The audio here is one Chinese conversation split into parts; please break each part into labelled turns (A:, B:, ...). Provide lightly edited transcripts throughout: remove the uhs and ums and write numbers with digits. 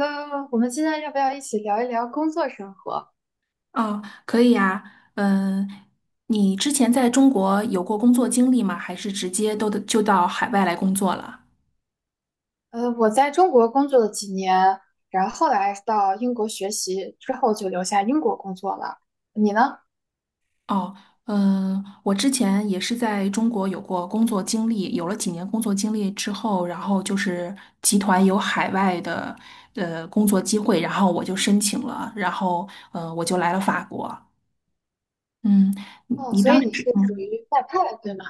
A: 我们今天要不要一起聊一聊工作生活？
B: 哦，可以呀。嗯，你之前在中国有过工作经历吗？还是直接都得就到海外来工作了？
A: 我在中国工作了几年，然后后来到英国学习之后就留下英国工作了。你呢？
B: 哦。我之前也是在中国有过工作经历，有了几年工作经历之后，然后就是集团有海外的工作机会，然后我就申请了，然后我就来了法国。嗯，你
A: 哦，
B: 你
A: 所以
B: 当
A: 你是
B: 时。
A: 属
B: 嗯。
A: 于外派，对吗？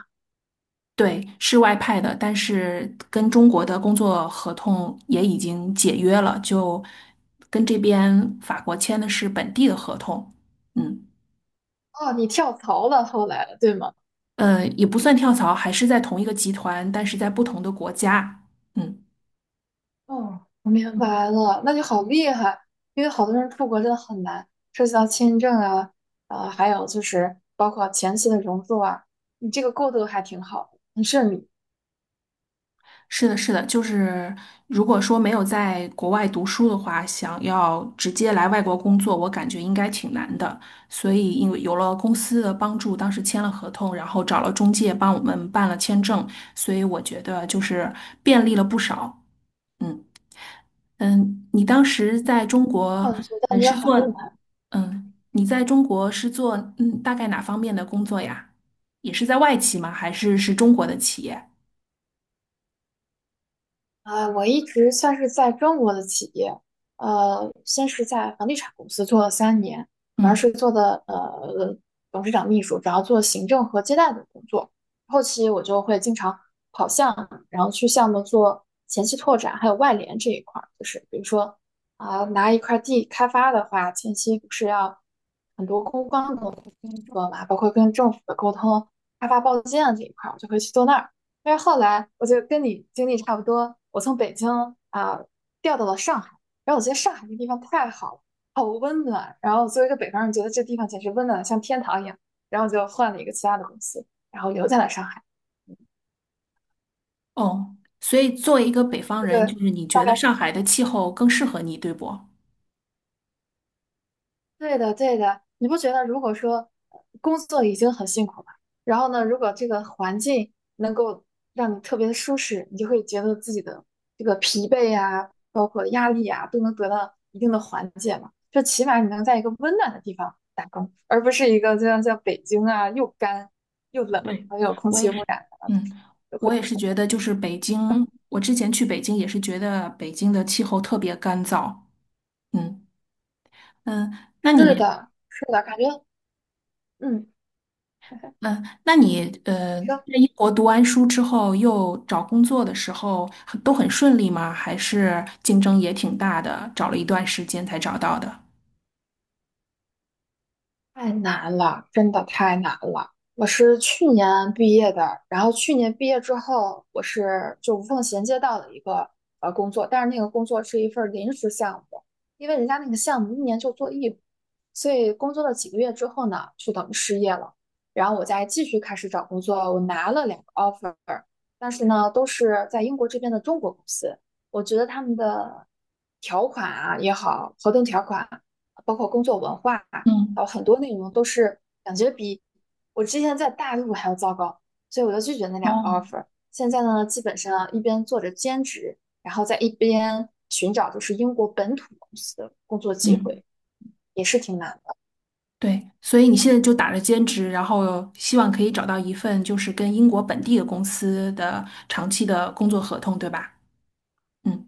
B: 对，是外派的，但是跟中国的工作合同也已经解约了，就跟这边法国签的是本地的合同。嗯，
A: 哦，你跳槽了，后来对吗？
B: 也不算跳槽，还是在同一个集团，但是在不同的国家。嗯。
A: 哦，我明白了，那就好厉害，因为好多人出国真的很难，涉及到签证啊，还有就是包括前期的融入啊，你这个过渡还挺好的，很顺利。
B: 是的，是的，就是如果说没有在国外读书的话，想要直接来外国工作，我感觉应该挺难的。所以因为有了公司的帮助，当时签了合同，然后找了中介帮我们办了签证，所以我觉得就是便利了不少。嗯你当时在中国，
A: 嗯，觉得
B: 嗯，
A: 你也
B: 是
A: 好
B: 做
A: 厉害。
B: 嗯，你在中国是做大概哪方面的工作呀？也是在外企吗？还是是中国的企业？
A: 我一直算是在中国的企业，先是在房地产公司做了三年，主要
B: 嗯。
A: 是做的董事长秘书，主要做行政和接待的工作。后期我就会经常跑项目，然后去项目做前期拓展，还有外联这一块儿，就是比如说拿一块地开发的话，前期不是要很多公关的工作嘛，包括跟政府的沟通、开发报建这一块儿，我就会去做那儿。但是后来我就跟你经历差不多，我从北京啊、调到了上海，然后我觉得上海这地方太好了，好温暖。然后作为一个北方人，觉得这地方简直温暖的像天堂一样。然后就换了一个其他的公司，然后留在了上海。
B: 哦，所以作为一个北方
A: 这
B: 人，就
A: 个
B: 是你觉得上海的气候更适合你，对不？
A: 对的，对的，你不觉得如果说工作已经很辛苦了，然后呢，如果这个环境能够让你特别的舒适，你就会觉得自己的这个疲惫啊，包括压力啊，都能得到一定的缓解嘛。就起码你能在一个温暖的地方打工，而不是一个就像在北京啊，又干又冷，
B: 对，
A: 还有空
B: 我也
A: 气污
B: 是。
A: 染的。
B: 嗯，我也是觉得，就是北京，我之前去北京也是觉得北京的气候特别干燥。嗯嗯，那
A: 是
B: 你，
A: 的，是的，感觉嗯，
B: 嗯，那你，在
A: 说。
B: 英国读完书之后，又找工作的时候很都很顺利吗？还是竞争也挺大的，找了一段时间才找到的？
A: 太难了，真的太难了。我是去年毕业的，然后去年毕业之后，我是就无缝衔接到了一个工作，但是那个工作是一份儿临时项目，因为人家那个项目一年就做一回，所以工作了几个月之后呢，就等于失业了。然后我再继续开始找工作，我拿了两个 offer，但是呢，都是在英国这边的中国公司，我觉得他们的条款啊也好，合同条款啊，包括工作文化。好，
B: 嗯。
A: 很多内容都是感觉比我之前在大陆还要糟糕，所以我就拒绝那两个
B: 哦。
A: offer。现在呢，基本上一边做着兼职，然后在一边寻找就是英国本土公司的工作机
B: 嗯。
A: 会，也是挺难的。
B: 对，所以你现在就打着兼职，然后希望可以找到一份就是跟英国本地的公司的长期的工作合同，对吧？嗯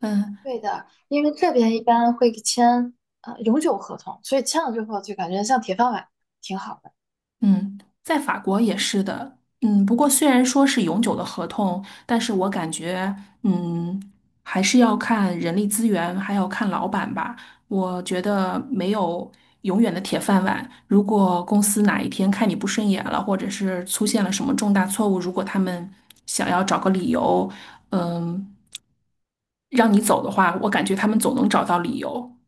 B: 嗯，
A: 对的，因为这边一般会签永久合同，所以签了之后就感觉像铁饭碗，挺好的。
B: 嗯，在法国也是的。嗯，不过虽然说是永久的合同，但是我感觉，嗯，还是要看人力资源，还要看老板吧。我觉得没有永远的铁饭碗。如果公司哪一天看你不顺眼了，或者是出现了什么重大错误，如果他们想要找个理由，嗯，让你走的话，我感觉他们总能找到理由。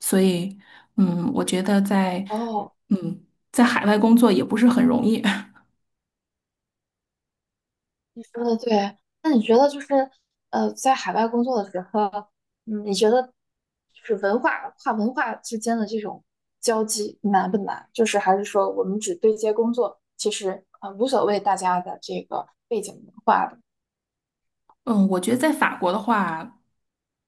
B: 所以，我觉得在。
A: 哦，
B: 嗯，在海外工作也不是很容易。
A: 你说的对，那你觉得就是在海外工作的时候，嗯，你觉得就是跨文化之间的这种交际难不难？就是还是说我们只对接工作，其实无所谓大家的这个背景文化的。
B: 嗯，我觉得在法国的话，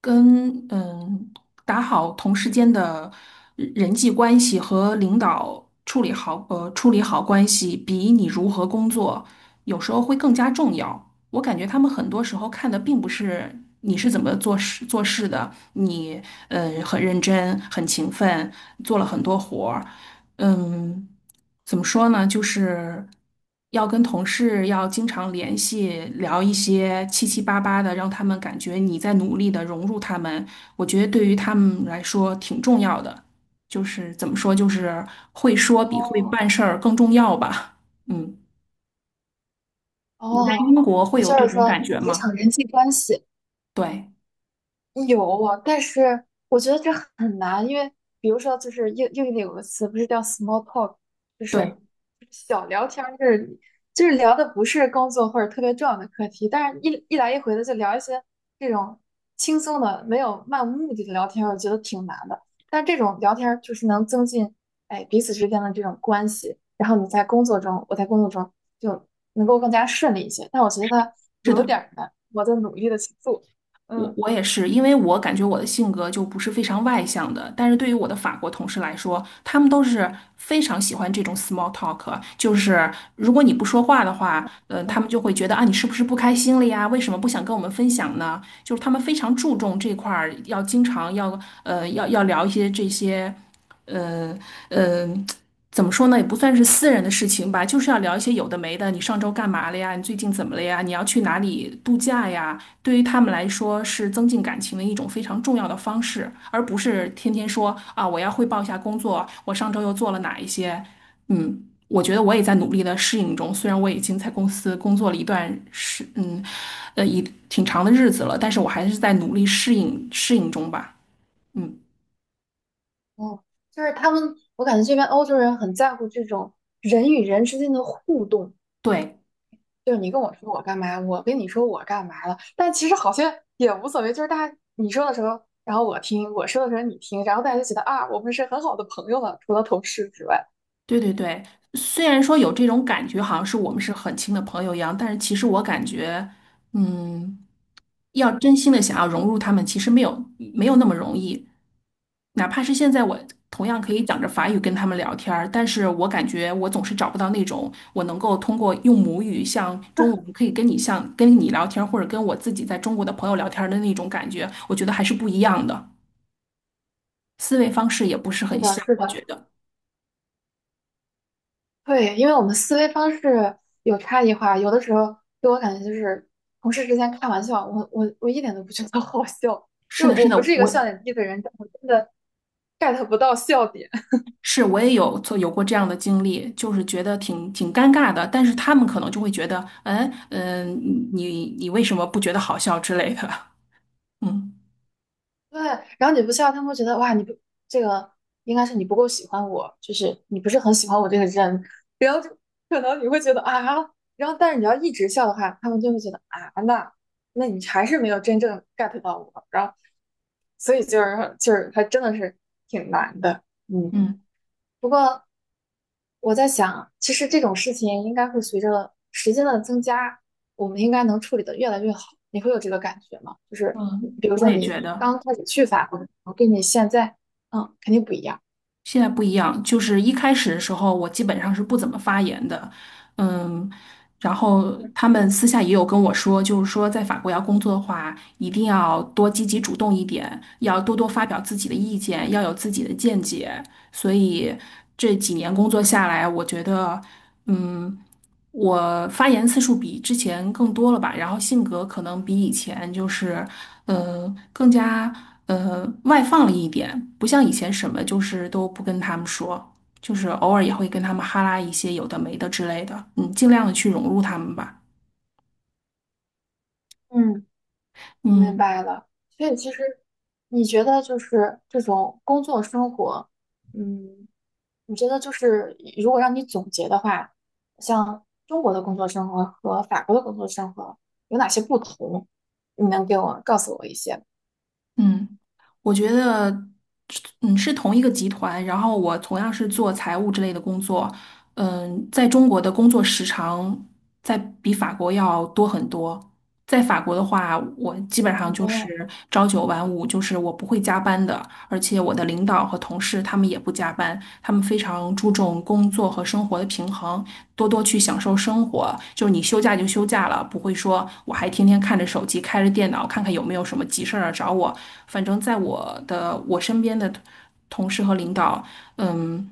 B: 跟打好同事间的人际关系和领导处理好关系，比你如何工作有时候会更加重要。我感觉他们很多时候看的并不是你是怎么做事的，你很认真、很勤奋，做了很多活儿。嗯，怎么说呢？就是要跟同事要经常联系，聊一些七七八八的，让他们感觉你在努力的融入他们。我觉得对于他们来说挺重要的，就是怎么说，就是会说比会
A: 哦，
B: 办事儿更重要吧。嗯，你在英
A: 哦，
B: 国会
A: 也
B: 有
A: 就
B: 这
A: 是
B: 种感
A: 说
B: 觉
A: 职
B: 吗？
A: 场人际关系
B: 对，
A: 有啊，但是我觉得这很难，因为比如说，就是英语里有个词不是叫 small talk，就是
B: 对，
A: 小聊天儿，就是聊的不是工作或者特别重要的课题，但是一来一回的就聊一些这种轻松的、没有漫无目的的聊天儿，我觉得挺难的。但这种聊天儿就是能增进哎彼此之间的这种关系，然后你在工作中，我在工作中就能够更加顺利一些。但我觉得它
B: 是
A: 有
B: 的。
A: 点儿难，我在努力的去做。
B: 我
A: 嗯。
B: 我也是，因为我感觉我的性格就不是非常外向的，但是对于我的法国同事来说，他们都是非常喜欢这种 small talk,就是如果你不说话的话，
A: 对
B: 他们
A: 啊，
B: 就会觉得啊，你是不是不开心了呀？为什么不想跟我们分享呢？就是他们非常注重这块儿，要经常要聊一些这些呃呃怎么说呢，也不算是私人的事情吧，就是要聊一些有的没的。你上周干嘛了呀？你最近怎么了呀？你要去哪里度假呀？对于他们来说，是增进感情的一种非常重要的方式，而不是天天说啊，我要汇报一下工作，我上周又做了哪一些。嗯，我觉得我也在努力的适应中，虽然我已经在公司工作了一段时，一挺长的日子了，但是我还是在努力适应中吧。嗯，
A: 哦，就是他们，我感觉这边欧洲人很在乎这种人与人之间的互动，
B: 对。
A: 就是你跟我说我干嘛，我跟你说我干嘛了，但其实好像也无所谓，就是大家你说的时候，然后我听，我说的时候你听，然后大家就觉得啊，我们是很好的朋友了，除了同事之外。
B: 对对对，虽然说有这种感觉，好像是我们
A: 嗯
B: 是很亲的朋友一样，但是其实我感觉，嗯，要
A: 嗯，
B: 真心的想要融入他们，其实没有那么容易。哪怕是现在我同样可以讲着法语跟他们聊天儿，但是我感觉我总是找不到那种我能够通过用母语像中文可以跟你像跟你聊天儿，或者跟我自己在中国的朋友聊天儿的那种感觉，我觉得还是不一样的，思维方式也不是
A: 是
B: 很
A: 的，
B: 像，
A: 是
B: 我觉
A: 的。
B: 得。
A: 对，因为我们思维方式有差异化，有的时候给我感觉就是同事之间开玩笑，我一点都不觉得 好笑，
B: 是
A: 就
B: 的，是
A: 我不
B: 的，
A: 是一个
B: 我
A: 笑点低的人，但我真的 get 不到笑点。
B: 是，我也有过这样的经历，就是觉得挺挺尴尬的，但是他们可能就会觉得，嗯嗯，你为什么不觉得好笑之类的？嗯
A: 对，然后你不笑，他们会觉得哇，你不这个应该是你不够喜欢我，就是你不是很喜欢我这个人，可能你会觉得啊，然后但是你要一直笑的话，他们就会觉得啊，那你还是没有真正 get 到我，然后所以就是还真的是挺难的，嗯。
B: 嗯
A: 不过我在想，其实这种事情应该会随着时间的增加，我们应该能处理的越来越好。你会有这个感觉吗？就是
B: 嗯，
A: 比如说
B: 我也
A: 你
B: 觉得
A: 刚开始去法国，跟你现在，嗯，肯定不一样。
B: 现在不一样，就是一开始的时候，我基本上是不怎么发言的，嗯，然后
A: 嗯
B: 他们私下也有跟我说，就是说在法国要工作的话，一定要多积极主动一点，要多多发表自己的意见，要有自己的见解。所以这几年工作下来，我觉得，嗯，我发言次数比之前更多了吧，然后性格可能比以前就是，更加外放了一点，不像以前什么就是都不跟他们说，就是偶尔也会跟他们哈拉一些有的没的之类的，尽量的去融入他们吧。
A: 嗯。我明
B: 嗯。
A: 白了，所以其实你觉得就是这种工作生活，嗯，你觉得就是如果让你总结的话，像中国的工作生活和法国的工作生活有哪些不同？你能给我告诉我一些吗？
B: 嗯，我觉得，是同一个集团，然后我同样是做财务之类的工作。在中国的工作时长在比法国要多很多。在法国的话，我基本上就
A: 哦。
B: 是朝九晚五，就是我不会加班的，而且我的领导和同事他们也不加班，他们非常注重工作和生活的平衡，多多去享受生活。就是你休假就休假了，不会说我还天天看着手机，开着电脑看看有没有什么急事儿啊找我。反正在我的我身边的同事和领导，嗯，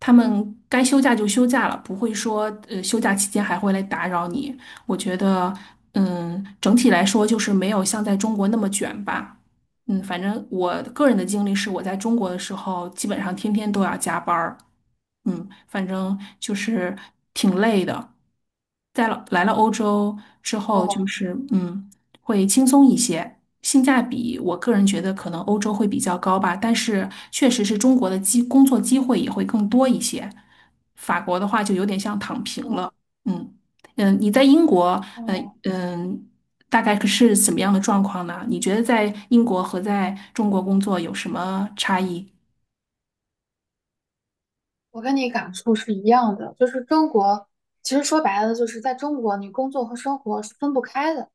B: 他们该休假就休假了，不会说休假期间还会来打扰你。我觉得，整体来说就是没有像在中国那么卷吧。反正我个人的经历是，我在中国的时候，基本上天天都要加班儿。反正就是挺累的。来了欧洲之后，就
A: 哦
B: 是会轻松一些，性价比我个人觉得可能欧洲会比较高吧，但是确实是中国的工作机会也会更多一些。法国的话就有点像躺平
A: 哦
B: 了。嗯你在英国，
A: 嗯，哦，
B: 嗯。大概是怎么样的状况呢？你觉得在英国和在中国工作有什么差异？
A: 我跟你感触是一样的，就是中国，其实说白了，就是在中国，你工作和生活是分不开的。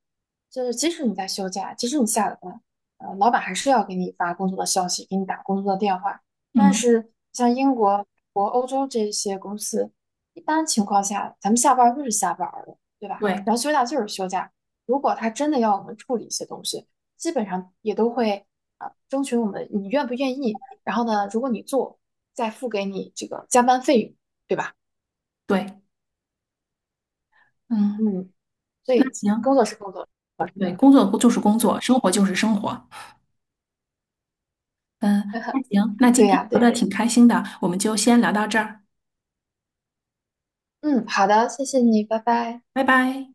A: 就是即使你在休假，即使你下了班，老板还是要给你发工作的消息，给你打工作的电话。但
B: 嗯，
A: 是像英国、国、欧洲这些公司，一般情况下，咱们下班儿就是下班儿了，对吧？
B: 对
A: 然后休假就是休假。如果他真的要我们处理一些东西，基本上也都会征询我们你愿不愿意，然后呢，如果你做，再付给你这个加班费用，对吧？
B: 对。嗯，
A: 嗯，所
B: 那
A: 以工
B: 行。
A: 作是工作，
B: 对，工作就是工
A: 嗯，
B: 作，生活就是生活。嗯，那 行，那
A: 对
B: 今天
A: 呀，对
B: 聊的
A: 呀，
B: 挺开心的，我们就先聊到这儿，
A: 嗯，好的，谢谢你，拜拜。
B: 拜拜。